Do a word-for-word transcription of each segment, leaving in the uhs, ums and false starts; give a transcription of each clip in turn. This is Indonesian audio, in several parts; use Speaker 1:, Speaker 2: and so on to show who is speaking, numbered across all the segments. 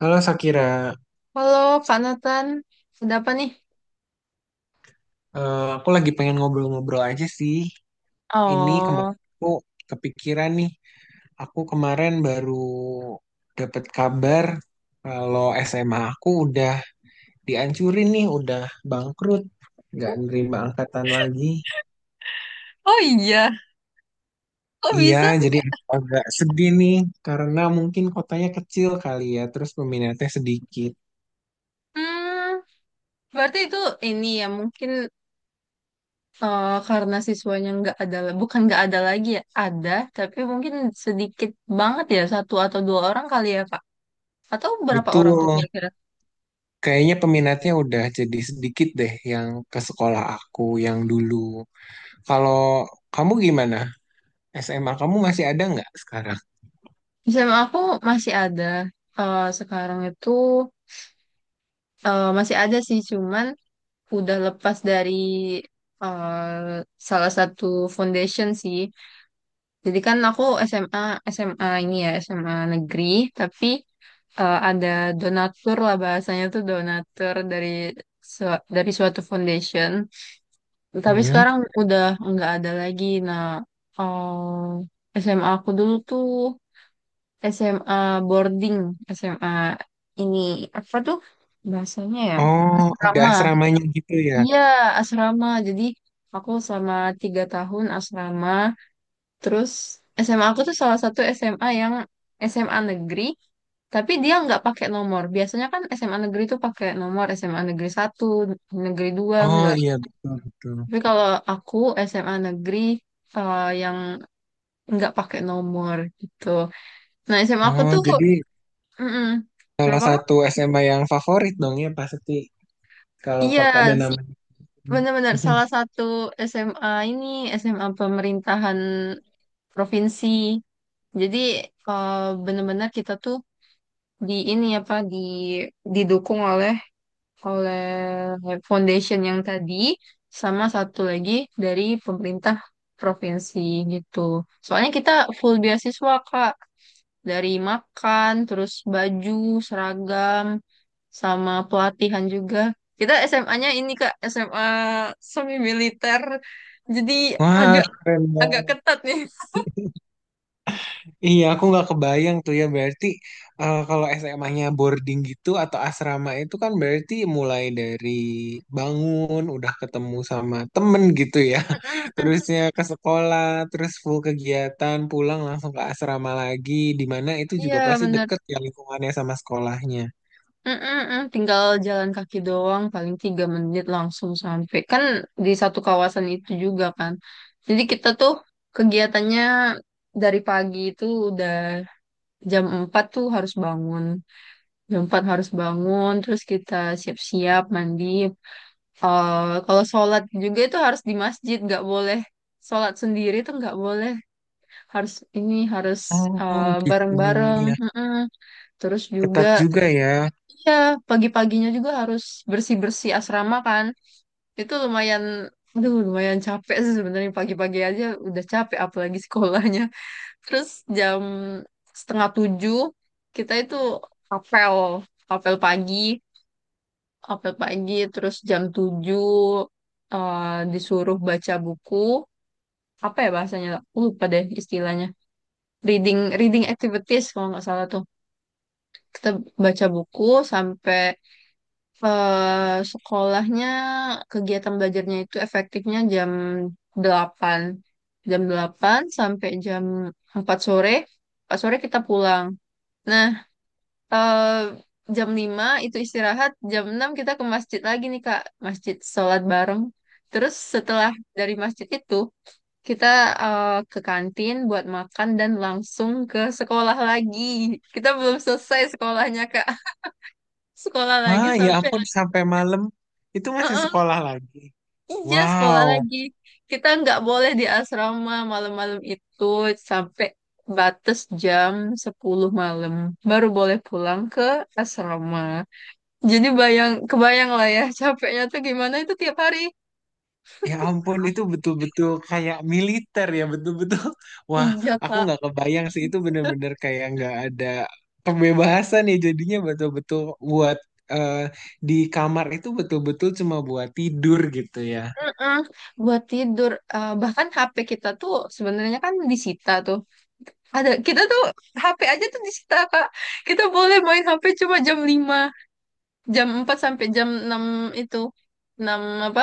Speaker 1: Halo Sakira.
Speaker 2: Halo, Kak Nathan. Ada apa nih?
Speaker 1: Eh, aku lagi pengen ngobrol-ngobrol aja sih. Ini kemarin
Speaker 2: Oh,
Speaker 1: aku kepikiran nih, aku kemarin baru dapat kabar kalau S M A aku udah dihancurin nih, udah bangkrut, nggak nerima angkatan lagi.
Speaker 2: ya. Kok
Speaker 1: Iya,
Speaker 2: bisa
Speaker 1: jadi
Speaker 2: sih?
Speaker 1: aku agak sedih nih karena mungkin kotanya kecil kali ya, terus peminatnya sedikit.
Speaker 2: Hmm, berarti itu ini ya mungkin eh, karena siswanya nggak ada, bukan nggak ada lagi ya, ada, tapi mungkin sedikit banget ya, satu atau dua orang kali ya, Kak. Atau berapa orang tuh
Speaker 1: Betul,
Speaker 2: kira-kira?
Speaker 1: kayaknya peminatnya udah jadi sedikit deh yang ke sekolah aku yang dulu. Kalau kamu gimana? S M A kamu masih ada nggak sekarang?
Speaker 2: Misalnya aku masih ada eh, sekarang itu eh, masih ada sih, cuman udah lepas dari eh, salah satu foundation sih. Jadi kan aku S M A S M A ini ya S M A negeri, tapi eh, ada donatur lah bahasanya tuh donatur dari su- dari suatu foundation. Tapi
Speaker 1: Hmm.
Speaker 2: sekarang udah nggak ada lagi. Nah, eh, S M A aku dulu tuh S M A boarding, S M A ini apa tuh bahasanya ya?
Speaker 1: Oh, udah
Speaker 2: Asrama.
Speaker 1: asramanya gitu ya?
Speaker 2: Iya, asrama. Jadi aku selama tiga tahun asrama. Terus S M A aku tuh salah satu S M A yang S M A negeri, tapi dia nggak pakai nomor. Biasanya kan S M A negeri tuh pakai nomor, S M A negeri satu, negeri dua,
Speaker 1: Oh
Speaker 2: nggak.
Speaker 1: iya, betul betul.
Speaker 2: Tapi kalau aku S M A negeri eh, yang nggak pakai nomor gitu. Nah, S M A aku
Speaker 1: Oh,
Speaker 2: tuh.
Speaker 1: jadi
Speaker 2: Mm.
Speaker 1: salah
Speaker 2: Kenapa, Kak?
Speaker 1: satu S M A yang favorit dong ya pasti kalau
Speaker 2: Iya,
Speaker 1: pakai ada
Speaker 2: s-
Speaker 1: nama.
Speaker 2: benar-benar salah satu S M A ini S M A pemerintahan provinsi. Jadi eh, benar-benar kita tuh di ini apa di didukung oleh oleh foundation yang tadi sama satu lagi dari pemerintah provinsi gitu. Soalnya kita full beasiswa, Kak, dari makan, terus baju, seragam, sama pelatihan juga. Kita S M A-nya ini Kak S M A semi militer, jadi
Speaker 1: Wah,
Speaker 2: agak
Speaker 1: keren
Speaker 2: agak
Speaker 1: banget.
Speaker 2: ketat nih.
Speaker 1: Iya, aku nggak kebayang tuh ya. Berarti eh, kalau S M A-nya boarding gitu atau asrama itu kan berarti mulai dari bangun, udah ketemu sama temen gitu ya. Terusnya ke sekolah, terus full kegiatan, pulang langsung ke asrama lagi. Di mana itu juga
Speaker 2: Iya,
Speaker 1: pasti
Speaker 2: benar.
Speaker 1: deket ya lingkungannya sama sekolahnya.
Speaker 2: Mm-mm-mm, tinggal jalan kaki doang, paling tiga menit langsung sampai. Kan di satu kawasan itu juga kan. Jadi kita tuh kegiatannya dari pagi itu udah jam empat tuh harus bangun. Jam empat harus bangun, terus kita siap-siap mandi. Eh, kalau sholat juga itu harus di masjid, nggak boleh sholat sendiri tuh nggak boleh. Harus ini, harus eh,
Speaker 1: Oh gitu,
Speaker 2: bareng-bareng.
Speaker 1: ya.
Speaker 2: Mm-mm. Terus juga.
Speaker 1: Ketat juga ya.
Speaker 2: Iya, pagi-paginya juga harus bersih-bersih asrama, kan. Itu lumayan, aduh lumayan capek sih sebenarnya, pagi-pagi aja udah capek, apalagi sekolahnya. Terus jam setengah tujuh kita itu apel, apel pagi, apel pagi. Terus jam tujuh eh, disuruh baca buku. Apa ya bahasanya? Aku lupa deh istilahnya. Reading, reading activities kalau nggak salah tuh. Kita baca buku sampai eh sekolahnya, kegiatan belajarnya itu efektifnya jam delapan. Jam delapan sampai jam empat sore. Empat sore kita pulang. Nah, eh jam lima itu istirahat, jam enam kita ke masjid lagi nih Kak, masjid sholat bareng. Terus setelah dari masjid itu kita eh, ke kantin buat makan dan langsung ke sekolah lagi. Kita belum selesai sekolahnya, Kak. Sekolah lagi
Speaker 1: Ah, ya
Speaker 2: sampai
Speaker 1: ampun, sampai malam itu masih sekolah lagi.
Speaker 2: iya, sekolah
Speaker 1: Wow.
Speaker 2: lagi. Kita nggak boleh di asrama malam-malam itu sampai batas jam sepuluh malam. Baru boleh pulang ke asrama. Jadi bayang, kebayang lah ya capeknya tuh gimana itu tiap hari.
Speaker 1: Ya ampun, itu betul-betul kayak militer ya, betul-betul. Wah,
Speaker 2: Iya,
Speaker 1: aku
Speaker 2: Kak.
Speaker 1: nggak kebayang sih, itu bener-bener kayak nggak ada kebebasan ya jadinya betul-betul buat eh, di kamar itu betul-betul cuma buat tidur gitu ya.
Speaker 2: Mm-mm. Buat tidur. Eh, bahkan H P kita tuh sebenarnya kan disita tuh. Ada, kita tuh H P aja tuh disita, Kak. Kita boleh main H P cuma jam lima. Jam empat sampai jam enam itu. Enam apa?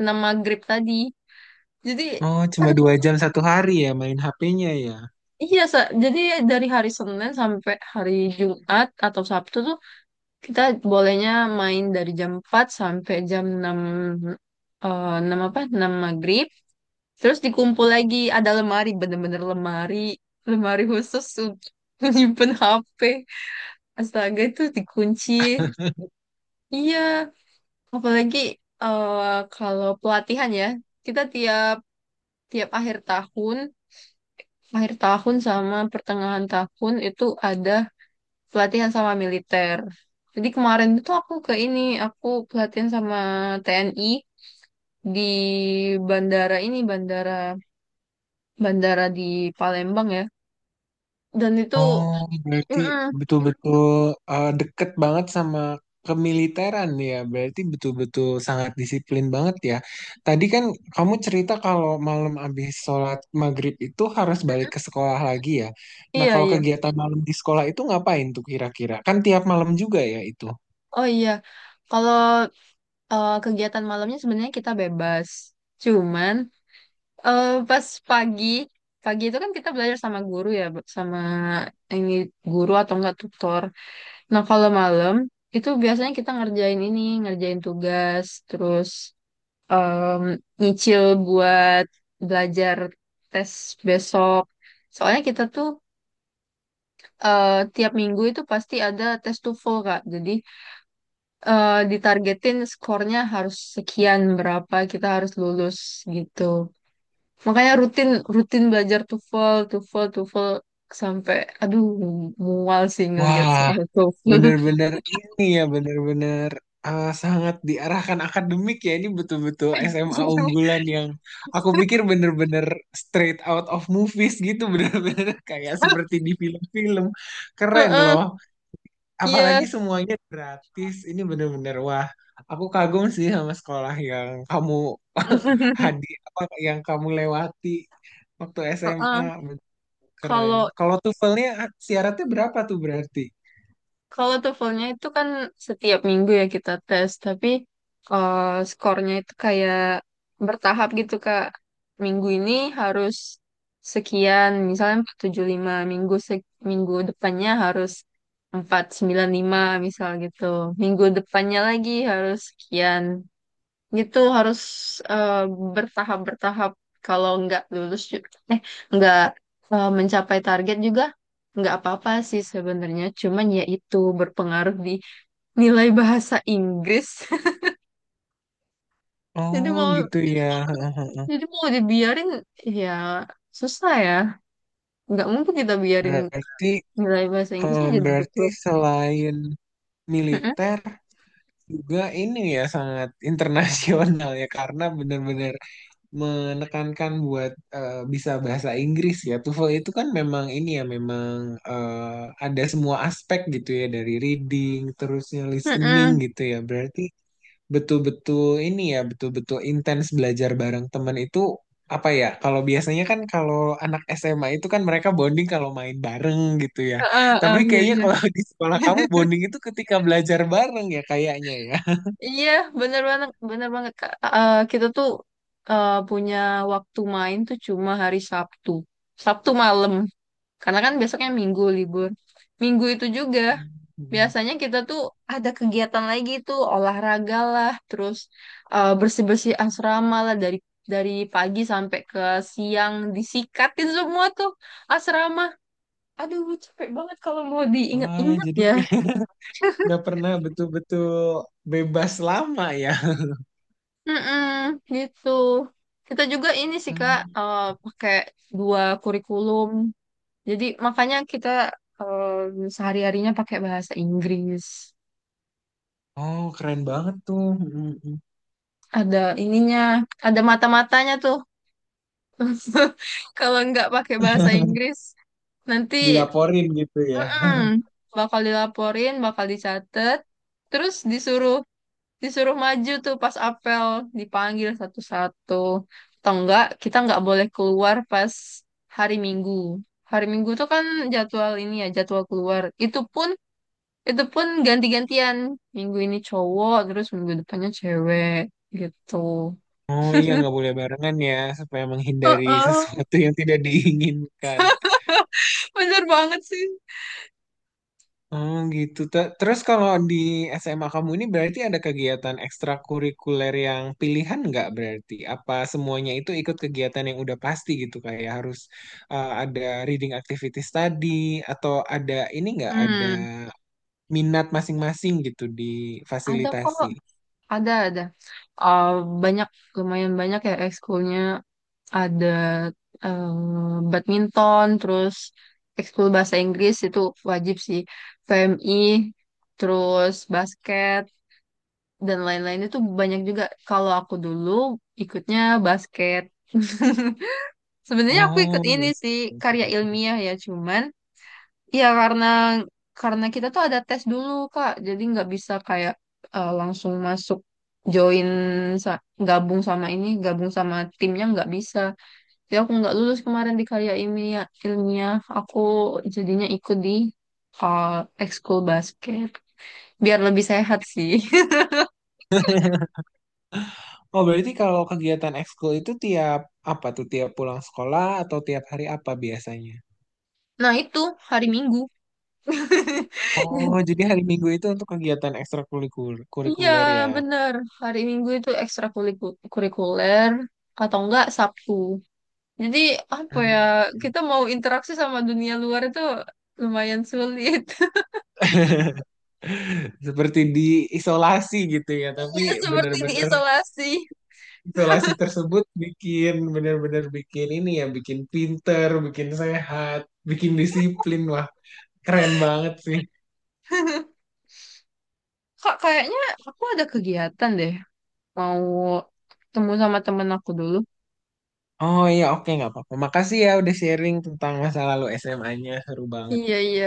Speaker 2: Enam maghrib tadi. Jadi,
Speaker 1: Oh, cuma dua
Speaker 2: aduh,
Speaker 1: jam satu hari ya main H P-nya ya.
Speaker 2: iya, Sa. Jadi dari hari Senin sampai hari Jumat atau Sabtu tuh kita bolehnya main dari jam empat sampai jam enam eh, enam apa? Enam maghrib. Terus dikumpul lagi, ada lemari, bener-bener lemari, lemari khusus untuk menyimpan H P. Astaga itu dikunci. Iya, apalagi eh, kalau pelatihan ya, kita tiap tiap akhir tahun, akhir tahun sama pertengahan tahun itu ada pelatihan sama militer. Jadi kemarin itu aku ke ini, aku pelatihan sama T N I di bandara ini, bandara bandara di Palembang ya. Dan itu,
Speaker 1: Oh, berarti
Speaker 2: mm-mm,
Speaker 1: betul-betul eh, deket banget sama kemiliteran ya. Berarti betul-betul sangat disiplin banget ya. Tadi kan kamu cerita kalau malam habis sholat maghrib itu harus balik ke sekolah lagi ya. Nah,
Speaker 2: iya
Speaker 1: kalau
Speaker 2: iya,
Speaker 1: kegiatan malam di sekolah itu ngapain tuh kira-kira? Kan tiap malam juga ya itu.
Speaker 2: oh iya. Kalau eh, kegiatan malamnya sebenarnya kita bebas, cuman. Eh, pas pagi, pagi itu kan kita belajar sama guru ya, Bu, sama ini guru atau enggak tutor. Nah, kalau malam itu biasanya kita ngerjain ini, ngerjain tugas, terus em, nyicil buat belajar tes besok. Soalnya kita tuh eh, tiap minggu itu pasti ada tes TOEFL, Kak. Jadi eh, ditargetin skornya harus sekian, berapa kita harus lulus gitu. Makanya rutin rutin belajar TOEFL, TOEFL, TOEFL sampai aduh mual sih ngelihat
Speaker 1: Wah,
Speaker 2: soal TOEFL.
Speaker 1: bener-bener ini ya, bener-bener eh, sangat diarahkan akademik ya. Ini betul-betul S M A unggulan yang aku pikir bener-bener straight out of movies gitu. Bener-bener kayak seperti di film-film. Keren
Speaker 2: Heeh,
Speaker 1: loh.
Speaker 2: iya.
Speaker 1: Apalagi semuanya gratis. Ini bener-bener, wah. Aku kagum sih sama sekolah yang kamu hadir, apa yang kamu lewati waktu S M A.
Speaker 2: Heeh.
Speaker 1: Betul. Keren.
Speaker 2: Kalau
Speaker 1: Kalau TOEFL-nya syaratnya berapa tuh berarti?
Speaker 2: Kalau TOEFL-nya itu kan setiap minggu ya kita tes, tapi eh, skornya itu kayak bertahap gitu, Kak. Minggu ini harus sekian, misalnya empat tujuh lima, minggu se- minggu depannya harus empat sembilan lima misal gitu. Minggu depannya lagi harus sekian gitu harus eh, bertahap-bertahap kalau nggak lulus ju- eh nggak eh, mencapai target juga nggak apa-apa sih sebenarnya, cuman ya itu berpengaruh di nilai bahasa Inggris. jadi
Speaker 1: Oh
Speaker 2: mau
Speaker 1: gitu ya. Heeh, heeh.
Speaker 2: jadi mau dibiarin ya susah ya, nggak mungkin kita biarin
Speaker 1: Berarti
Speaker 2: nilai bahasa
Speaker 1: eh,
Speaker 2: Inggrisnya jadi gitu.
Speaker 1: berarti selain
Speaker 2: Mm-mm.
Speaker 1: militer juga ini ya sangat internasional ya karena benar-benar menekankan buat eh, bisa bahasa Inggris ya. TOEFL itu kan memang ini ya memang eh, ada semua aspek gitu ya dari reading terusnya listening
Speaker 2: Mm-mm.
Speaker 1: gitu ya. Berarti betul-betul ini ya, betul-betul intens belajar bareng temen itu apa ya? Kalau biasanya kan kalau anak S M A itu kan mereka bonding kalau main bareng gitu ya.
Speaker 2: Ah, ah,
Speaker 1: Tapi
Speaker 2: ah, iya,
Speaker 1: kayaknya
Speaker 2: iya.
Speaker 1: kalau di sekolah kamu bonding itu ketika belajar bareng ya kayaknya ya.
Speaker 2: Iya, bener banget, bener banget Kak. Eh, eh, kita tuh eh, punya waktu main tuh cuma hari Sabtu, Sabtu malam. Karena kan besoknya Minggu libur. Minggu itu juga
Speaker 1: Hmm.
Speaker 2: biasanya kita tuh ada kegiatan lagi tuh olahraga lah, terus eh, bersih-bersih asrama lah dari dari pagi sampai ke siang disikatin semua tuh asrama. Aduh, capek banget kalau mau
Speaker 1: Wah,
Speaker 2: diingat-ingat
Speaker 1: jadi
Speaker 2: ya.
Speaker 1: nggak pernah betul-betul bebas lama ya.
Speaker 2: Mm-mm, gitu. Kita juga ini sih Kak
Speaker 1: Hmm.
Speaker 2: eh, pakai dua kurikulum. Jadi makanya kita eh, sehari-harinya pakai bahasa Inggris.
Speaker 1: Oh, keren banget tuh. Hmm, hmm.
Speaker 2: Ada ininya, ada mata-matanya tuh. Kalau nggak pakai bahasa Inggris, nanti
Speaker 1: Dilaporin gitu ya.
Speaker 2: mm, bakal dilaporin, bakal dicatat, terus disuruh disuruh maju tuh pas apel, dipanggil satu-satu, atau enggak kita nggak boleh keluar pas hari Minggu, hari Minggu tuh kan jadwal ini ya jadwal keluar itu pun itu pun ganti-gantian, minggu ini cowok terus minggu depannya cewek gitu.
Speaker 1: Oh iya, nggak boleh barengan ya, supaya menghindari
Speaker 2: Heeh.
Speaker 1: sesuatu yang tidak diinginkan.
Speaker 2: Bener banget sih.
Speaker 1: Oh gitu. Te- Terus kalau di S M A kamu ini berarti ada kegiatan ekstrakurikuler yang pilihan nggak berarti? Apa semuanya itu ikut kegiatan yang udah pasti gitu kayak harus uh, ada reading activities tadi atau ada ini nggak ada
Speaker 2: hmm
Speaker 1: minat masing-masing gitu di
Speaker 2: ada kok.
Speaker 1: fasilitasi?
Speaker 2: Ada, ada. Eh, banyak, lumayan banyak ya ekskulnya. Ada eh, badminton, terus ekskul bahasa Inggris itu wajib sih. P M I, terus basket, dan lain-lain itu banyak juga. Kalau aku dulu ikutnya basket. Sebenarnya aku ikut
Speaker 1: Oh,
Speaker 2: ini sih,
Speaker 1: seru,
Speaker 2: karya
Speaker 1: seru, seru.
Speaker 2: ilmiah ya. Cuman iya, karena karena kita tuh ada tes dulu Kak, jadi nggak bisa kayak eh, langsung masuk join sa- gabung sama ini, gabung sama timnya nggak bisa. Jadi aku nggak lulus kemarin di karya ilmiah, ilmiah. Aku jadinya ikut di eh, ekskul basket biar lebih sehat sih.
Speaker 1: Oh, berarti kalau kegiatan ekskul itu tiap apa tuh? Tiap pulang sekolah atau tiap hari apa biasanya?
Speaker 2: Nah itu hari Minggu.
Speaker 1: Oh, jadi hari Minggu itu untuk kegiatan
Speaker 2: Iya
Speaker 1: ekstrakurikuler ya.
Speaker 2: bener, hari Minggu itu ekstrakurikuler atau enggak Sabtu. Jadi apa ya,
Speaker 1: Hmm.
Speaker 2: kita mau interaksi sama dunia luar itu lumayan sulit.
Speaker 1: Seperti diisolasi gitu ya, tapi
Speaker 2: Ya seperti
Speaker 1: benar-benar
Speaker 2: diisolasi.
Speaker 1: isolasi tersebut bikin benar-benar bikin ini ya, bikin pinter, bikin sehat, bikin disiplin. Wah, keren banget sih.
Speaker 2: Kak, kayaknya aku ada kegiatan deh. Mau ketemu sama temen aku dulu.
Speaker 1: Oh iya, oke nggak apa-apa. Makasih ya udah sharing tentang masa lalu S M A-nya, seru banget.
Speaker 2: Iya, iya.